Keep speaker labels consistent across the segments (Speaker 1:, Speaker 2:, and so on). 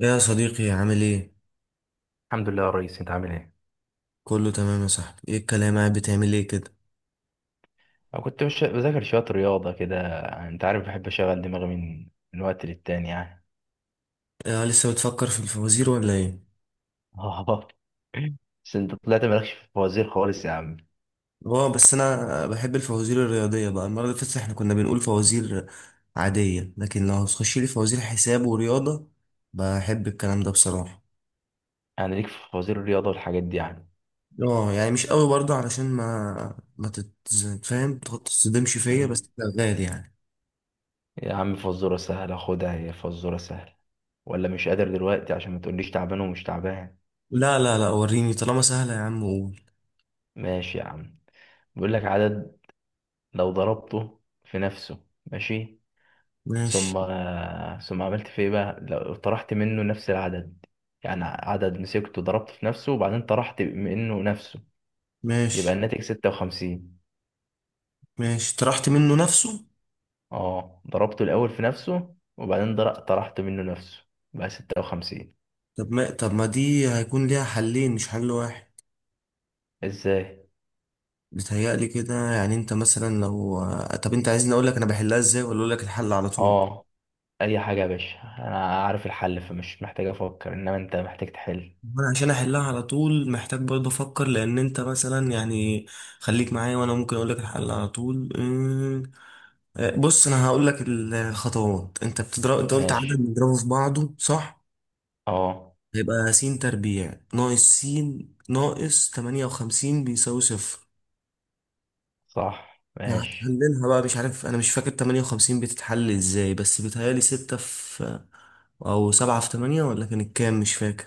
Speaker 1: يا صديقي، عامل ايه؟
Speaker 2: الحمد لله يا ريس، انت عامل ايه؟
Speaker 1: كله تمام يا صاحبي، ايه الكلام؟ قاعد بتعمل ايه كده؟
Speaker 2: أنا كنت مش بذاكر شوية رياضة كده، يعني أنت عارف بحب أشغل دماغي من وقت للتاني يعني.
Speaker 1: آه، لسه بتفكر في الفوازير ولا ايه؟
Speaker 2: آه، بس أنت طلعت مالكش في الفوازير خالص يا عم.
Speaker 1: اه، بس انا بحب الفوازير الرياضية بقى، المرة اللي فاتت احنا كنا بنقول فوازير عادية، لكن لو هتخش لي فوازير حساب ورياضة، بحب الكلام ده بصراحة.
Speaker 2: يعني ليك في فوازير الرياضة والحاجات دي يعني.
Speaker 1: اه، يعني مش قوي برضه علشان ما فاهم؟ تتصدمش فيا،
Speaker 2: مم.
Speaker 1: بس شغال يعني.
Speaker 2: يا عم فزورة سهلة خدها، هي فزورة سهلة، ولا مش قادر دلوقتي عشان ما تقوليش تعبان ومش تعبان.
Speaker 1: لا، لا، لا، وريني طالما سهلة يا عم، قول.
Speaker 2: ماشي يا عم. بيقول لك عدد لو ضربته في نفسه، ماشي، ثم
Speaker 1: ماشي،
Speaker 2: ثم عملت في ايه بقى لو طرحت منه نفس العدد. يعني عدد مسكته ضربته في نفسه وبعدين طرحت منه نفسه، يبقى
Speaker 1: ماشي،
Speaker 2: الناتج 56.
Speaker 1: ماشي، طرحت منه نفسه؟
Speaker 2: اه، ضربته الاول في نفسه وبعدين طرحت منه نفسه بقى 56.
Speaker 1: طب ما دي هيكون ليها حلين مش حل واحد.
Speaker 2: ازاي؟
Speaker 1: بيتهيألي كده، يعني انت مثلا لو... طب انت عايزني اقول لك انا بحلها ازاي ولا اقول لك الحل على طول؟
Speaker 2: اه، اي حاجه يا باشا، انا عارف الحل فمش محتاج افكر، انما انت محتاج تحل.
Speaker 1: انا عشان احلها على طول محتاج برضه افكر، لان انت مثلا يعني... خليك معايا وانا ممكن اقول لك الحل على طول. آه، بص انا هقول لك الخطوات. انت قلت عدد
Speaker 2: ماشي.
Speaker 1: بنضربه في بعضه، صح؟
Speaker 2: اه
Speaker 1: هيبقى س تربيع ناقص س ناقص 58 بيساوي صفر.
Speaker 2: صح، ماشي.
Speaker 1: هتحللها بقى. مش عارف، انا مش فاكر 58 بتتحل ازاي، بس بيتهيألي 6 في... او 7 في 8، ولا كانت كام؟ مش فاكر.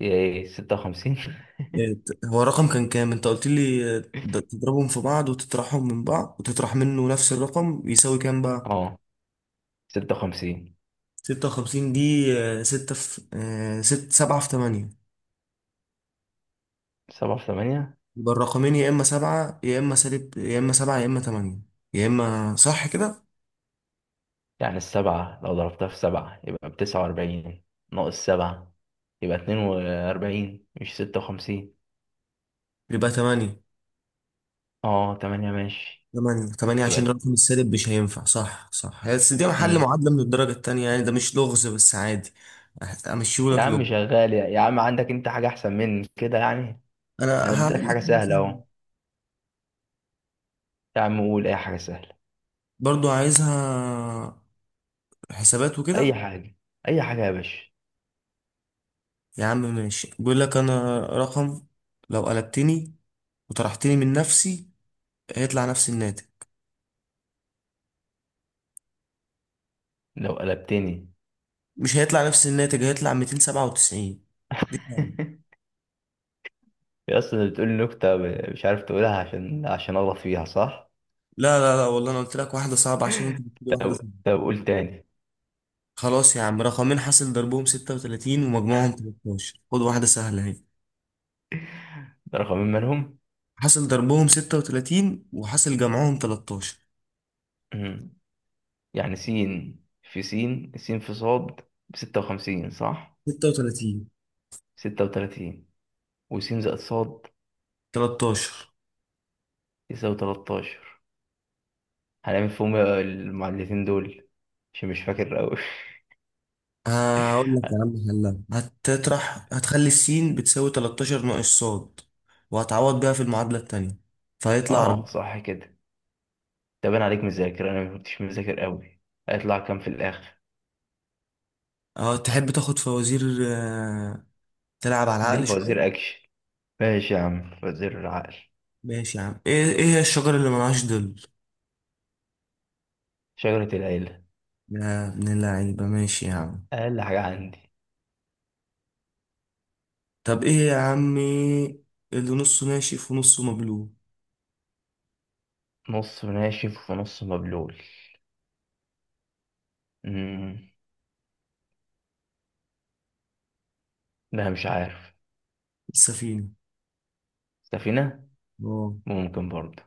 Speaker 2: ايه 56.
Speaker 1: إيه، هو الرقم كان كام انت قلت لي؟ آه، ده تضربهم في بعض وتطرحهم من بعض وتطرح منه نفس الرقم يساوي كام بقى؟
Speaker 2: اه 56.
Speaker 1: 56 دي، 6 في 6، 7 في 8.
Speaker 2: سبعة في 8.
Speaker 1: يبقى الرقمين يا اما 7 يا اما سالب، يا اما 7 يا اما 8، يا اما صح كده.
Speaker 2: يعني السبعة لو ضربتها في سبعة يبقى بـ49، ناقص سبعة يبقى 42، مش 56.
Speaker 1: يبقى 8.
Speaker 2: اه تمانية، ماشي.
Speaker 1: تمانية عشان
Speaker 2: يبقى،
Speaker 1: الرقم السالب مش هينفع. صح، صح. هي بس دي محل
Speaker 2: امم،
Speaker 1: معادلة من الدرجة التانية، يعني ده مش لغز، بس عادي.
Speaker 2: يا
Speaker 1: أمشيهولك لغز؟
Speaker 2: عم شغال، يا عم عندك انت حاجة أحسن من كده يعني؟ أنا
Speaker 1: أنا
Speaker 2: اديتك
Speaker 1: هقول لك
Speaker 2: حاجة
Speaker 1: حاجة
Speaker 2: سهلة
Speaker 1: سهلة.
Speaker 2: أهو. يا عم قول أي حاجة سهلة،
Speaker 1: برضو عايزها حسابات
Speaker 2: أي
Speaker 1: وكده.
Speaker 2: حاجة، أي حاجة يا باشا.
Speaker 1: يا عم ماشي، بيقول لك أنا رقم، لو قلبتني وطرحتني من نفسي هيطلع نفس الناتج.
Speaker 2: لو قلبتني.
Speaker 1: مش هيطلع نفس الناتج، هيطلع 297. دي صعبة.
Speaker 2: يا أصلا بتقول نكتة مش عارف تقولها عشان أغلط فيها صح؟
Speaker 1: لا، لا، لا، والله أنا قلت لك واحدة صعبة عشان أنت بتقولي واحدة.
Speaker 2: طب طب قول تاني.
Speaker 1: خلاص يا عم، رقمين حاصل ضربهم 36 ومجموعهم 13، خد واحدة سهلة اهي.
Speaker 2: ده رقمين مالهم؟
Speaker 1: حاصل ضربهم 36 وحاصل جمعهم 13.
Speaker 2: يعني سين في سين، سين في صاد بـ56 صح.
Speaker 1: 36،
Speaker 2: 36، وسين زائد صاد
Speaker 1: 13.
Speaker 2: يساوي 13. هنعمل فيهم المعادلتين دول، عشان مش فاكر أوي.
Speaker 1: هقول لك يا عم حلها. هتخلي السين بتساوي 13 ناقص صاد، وهتعوض بيها في المعادلة التانية، فهيطلع 4.
Speaker 2: اه صح كده. طب أنا عليك مذاكر، أنا مكنتش مذاكر أوي. هيطلع كام في الآخر؟
Speaker 1: اه، تحب تاخد فوازير؟ آه، تلعب على
Speaker 2: اديني
Speaker 1: العقل شوية؟
Speaker 2: فوازير أكشن. ماشي يا عم فوازير العقل.
Speaker 1: ماشي يا عم. ايه هي الشجرة اللي ملهاش ظل؟
Speaker 2: شجرة العيلة.
Speaker 1: يا ابن اللعيبة، ماشي يا عم.
Speaker 2: أقل حاجة عندي.
Speaker 1: طب ايه يا عمي اللي نصه ناشف ونصه مبلول؟
Speaker 2: نص ناشف ونص مبلول، امم، لا مش عارف.
Speaker 1: السفينة.
Speaker 2: سفينة.
Speaker 1: اه.
Speaker 2: ممكن برضه.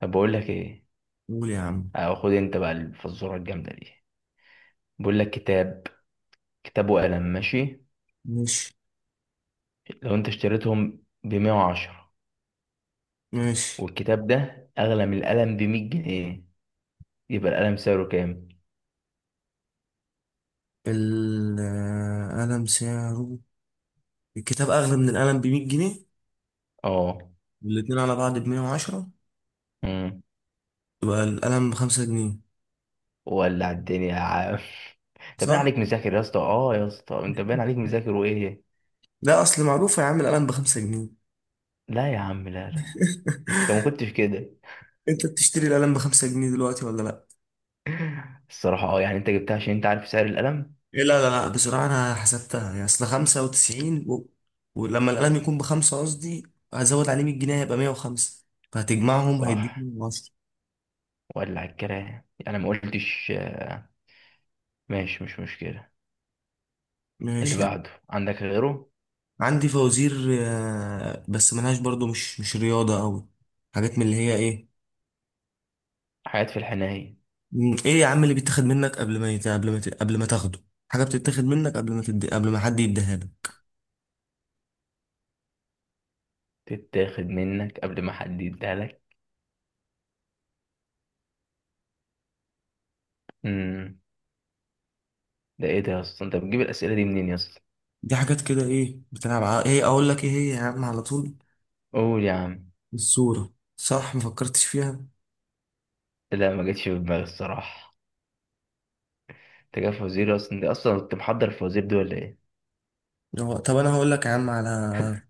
Speaker 2: طب بقول لك ايه،
Speaker 1: قول يا عم.
Speaker 2: أو خد انت بقى الفزورة الجامدة دي. بيقول لك كتاب، كتاب وقلم، ماشي.
Speaker 1: ماشي.
Speaker 2: لو انت اشتريتهم بـ110،
Speaker 1: ماشي.
Speaker 2: والكتاب ده أغلى من القلم بـ100 جنيه، يبقى القلم سعره كام؟
Speaker 1: القلم سعره... الكتاب أغلى من القلم ب100 جنيه،
Speaker 2: اه.
Speaker 1: والاتنين على بعض ب110،
Speaker 2: مم.
Speaker 1: يبقى القلم بخمسة جنيه.
Speaker 2: ولع الدنيا يا عم. انت باين
Speaker 1: صح؟
Speaker 2: عليك مذاكر يا اسطى، اه يا اسطى، انت باين عليك مذاكر وايه؟
Speaker 1: لا، أصل معروفة يا عم القلم بخمسة جنيه.
Speaker 2: لا يا عم، لا لا، انت ما كنتش كده.
Speaker 1: أنت بتشتري القلم بخمسة جنيه دلوقتي ولا لأ؟
Speaker 2: الصراحة اه، يعني انت جبتها عشان انت عارف سعر القلم.
Speaker 1: إيه، لا، لا، لا، بصراحة أنا حسبتها. يعني أصل 95 ولما القلم يكون بخمسة قصدي، هزود عليه 100 جنيه هيبقى 105، فهتجمعهم هيديك
Speaker 2: صح.
Speaker 1: 110.
Speaker 2: ولع الكلام، يعني ما قلتش. ماشي، مش مشكلة. اللي
Speaker 1: ماشي يعني.
Speaker 2: بعده عندك غيره.
Speaker 1: عندي فوازير، آه، بس ملهاش برضو مش رياضة أوي. حاجات من اللي هي إيه...
Speaker 2: حاجات في الحناية.
Speaker 1: إيه يا عم اللي بيتاخد منك قبل ما تاخده؟ حاجة بتتاخد منك قبل ما حد يديها لك.
Speaker 2: تتاخد منك قبل ما حد يديها لك. امم. ده ايه ده يا اسطى، انت بتجيب الأسئلة دي منين يا اسطى؟
Speaker 1: دي حاجات كده إيه إيه أقول لك إيه هي يا عم على طول؟
Speaker 2: قول يا عم.
Speaker 1: الصورة. صح، مفكرتش فيها.
Speaker 2: لا ما جتش في دماغي الصراحة. انت جاي فوازير اصلا، انت اصلا كنت محضر الفوازير دي ولا ايه؟
Speaker 1: طب انا هقول لك يا عم على...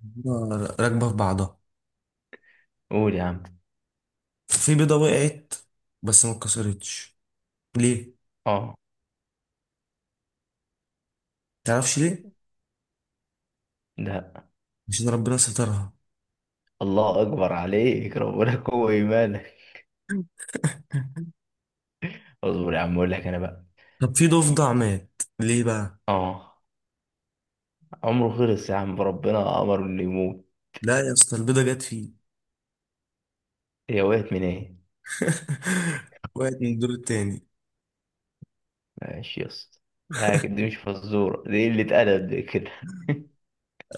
Speaker 1: بيضة راكبه في بعضها.
Speaker 2: قول يا عم.
Speaker 1: في بيضه وقعت بس ما اتكسرتش، ليه؟
Speaker 2: اه.
Speaker 1: تعرفش ليه؟
Speaker 2: ده.
Speaker 1: عشان ربنا سترها.
Speaker 2: الله اكبر عليك، ربنا قوة ايمانك. اصبر يا عم اقول لك انا بقى.
Speaker 1: طب في ضفدع مات ليه بقى؟
Speaker 2: اه، عمره خلص يا عم، ربنا امر انه يموت.
Speaker 1: لا يا اسطى، البيضه جت فيه.
Speaker 2: هي وقعت من ايه؟
Speaker 1: وقعت من الدور التاني.
Speaker 2: ماشي يا اسطى. لا دي مش فزورة، دي قلة أدب دي كده.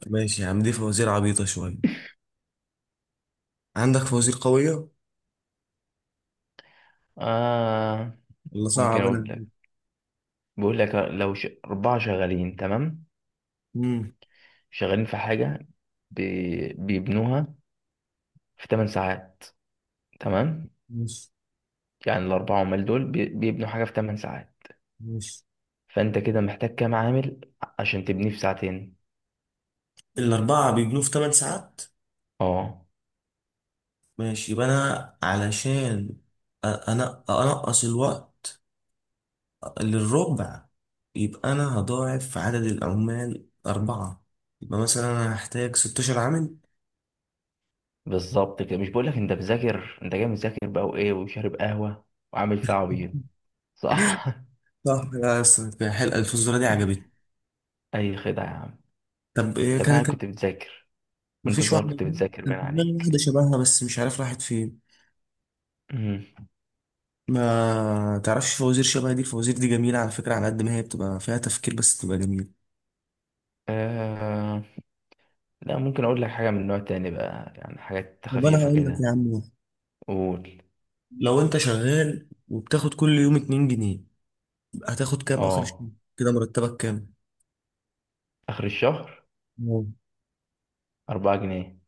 Speaker 1: ماشي يا عم، دي فوازير عبيطه شويه. عندك فوازير قويه
Speaker 2: آه.
Speaker 1: ولا
Speaker 2: ممكن
Speaker 1: صعب انا؟
Speaker 2: أقول. بيقول لك لو أربعة شغالين، تمام،
Speaker 1: امم.
Speaker 2: شغالين في حاجة بيبنوها في 8 ساعات، تمام.
Speaker 1: ماشي.
Speaker 2: يعني الأربعة عمال دول بيبنوا حاجة في 8 ساعات.
Speaker 1: ماشي.
Speaker 2: فأنت كده محتاج كام عامل عشان تبنيه في ساعتين؟
Speaker 1: الاربعه بيجنوا في 8 ساعات.
Speaker 2: اه
Speaker 1: ماشي، يبقى انا علشان انا انقص الوقت للربع، يبقى أنا هضاعف عدد العمال أربعة، يبقى مثلا أنا هحتاج 16 عامل.
Speaker 2: بالظبط كده، مش بقول لك أنت مذاكر، أنت جاي مذاكر بقى وإيه، وشارب قهوة، وعامل فيها عبيط؟ صح.
Speaker 1: صح يا أسطى، حلقة الفلوس دي عجبتني.
Speaker 2: أي خدعة يا عم.
Speaker 1: طب إيه
Speaker 2: طب أنا
Speaker 1: كانت؟
Speaker 2: كنت بتذاكر، وأنت
Speaker 1: مفيش
Speaker 2: صغير
Speaker 1: واحدة
Speaker 2: كنت
Speaker 1: كده؟
Speaker 2: بتذاكر
Speaker 1: كان في
Speaker 2: باين
Speaker 1: دماغي واحدة
Speaker 2: عليك.
Speaker 1: شبهها، بس مش عارف راحت فين.
Speaker 2: مم.
Speaker 1: ما تعرفش فوازير شبه دي؟ الفوازير دي جميلة على فكرة، على قد ما هي بتبقى فيها تفكير بس بتبقى جميلة.
Speaker 2: آه. لا ممكن اقول لك حاجه من نوع تاني بقى، يعني حاجات
Speaker 1: طب أنا
Speaker 2: خفيفه
Speaker 1: هقول لك يا
Speaker 2: كده.
Speaker 1: عم واحد.
Speaker 2: قول.
Speaker 1: لو أنت شغال وبتاخد كل يوم 2 جنيه، هتاخد كام آخر الشهر؟
Speaker 2: اه.
Speaker 1: كده مرتبك كام؟
Speaker 2: اخر الشهر
Speaker 1: مم.
Speaker 2: 4 جنيه.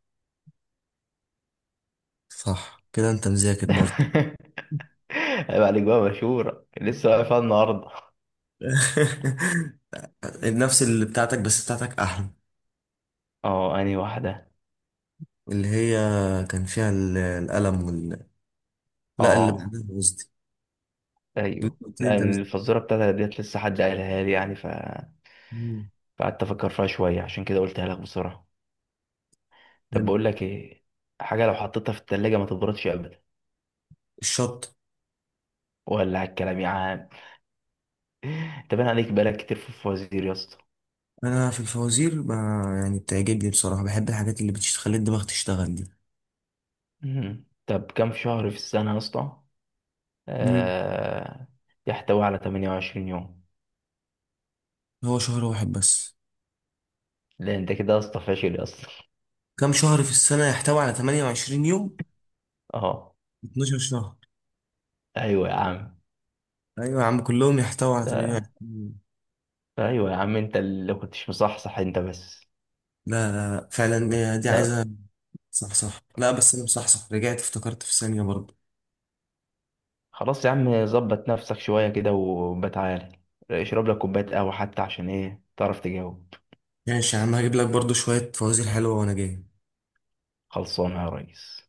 Speaker 1: صح كده، أنت مذاكر برضه.
Speaker 2: عيب عليك بقى، مشهوره لسه واقفه النهارده.
Speaker 1: نفس اللي بتاعتك، بس بتاعتك احلى.
Speaker 2: اه انهي واحده؟
Speaker 1: اللي هي كان فيها القلم لا، اللي
Speaker 2: اه،
Speaker 1: بعدها قصدي. اللي
Speaker 2: ايوه
Speaker 1: قلت لي انت
Speaker 2: لان الفزوره بتاعتها ديت لسه حد قالها لي، يعني
Speaker 1: مم.
Speaker 2: فقعدت افكر فيها شويه عشان كده قلتها لك بسرعه. طب
Speaker 1: حلو.
Speaker 2: بقول لك ايه. حاجه لو حطيتها في التلاجة ما تبردش ابدا.
Speaker 1: الشط.
Speaker 2: ولا على الكلام يا عم، انت باين عليك بقالك كتير في الفوازير يا اسطى.
Speaker 1: انا في الفوازير يعني بتعجبني بصراحه، بحب الحاجات اللي بتخلي الدماغ تشتغل دي.
Speaker 2: مم. طب كام شهر في السنه يا اسطى؟
Speaker 1: مم.
Speaker 2: آه. يحتوي على 28 يوم.
Speaker 1: هو شهر واحد بس؟
Speaker 2: لأن أنت كده يا اسطى فاشل يا اسطى.
Speaker 1: كم شهر في السنه يحتوي على 28 يوم؟
Speaker 2: أه.
Speaker 1: 12 شهر.
Speaker 2: أيوه يا عم.
Speaker 1: ايوه يا عم، كلهم يحتوي على
Speaker 2: ده.
Speaker 1: 28 يوم.
Speaker 2: أيوه يا عم، أنت اللي كنتش مصحصح أنت بس.
Speaker 1: لا، لا، لا، فعلا دي عايزه...
Speaker 2: لا.
Speaker 1: صح، صح، لا بس انا مصحصح، رجعت افتكرت في ثانيه برضه.
Speaker 2: خلاص يا عم، ظبط نفسك شوية كده، وبتعالى اشرب لك كوباية قهوة حتى، عشان إيه تعرف تجاوب.
Speaker 1: ماشي يا عم، هجيب لك برضو شوية فوازير حلوة وأنا جاي.
Speaker 2: خلصانة يا ريس.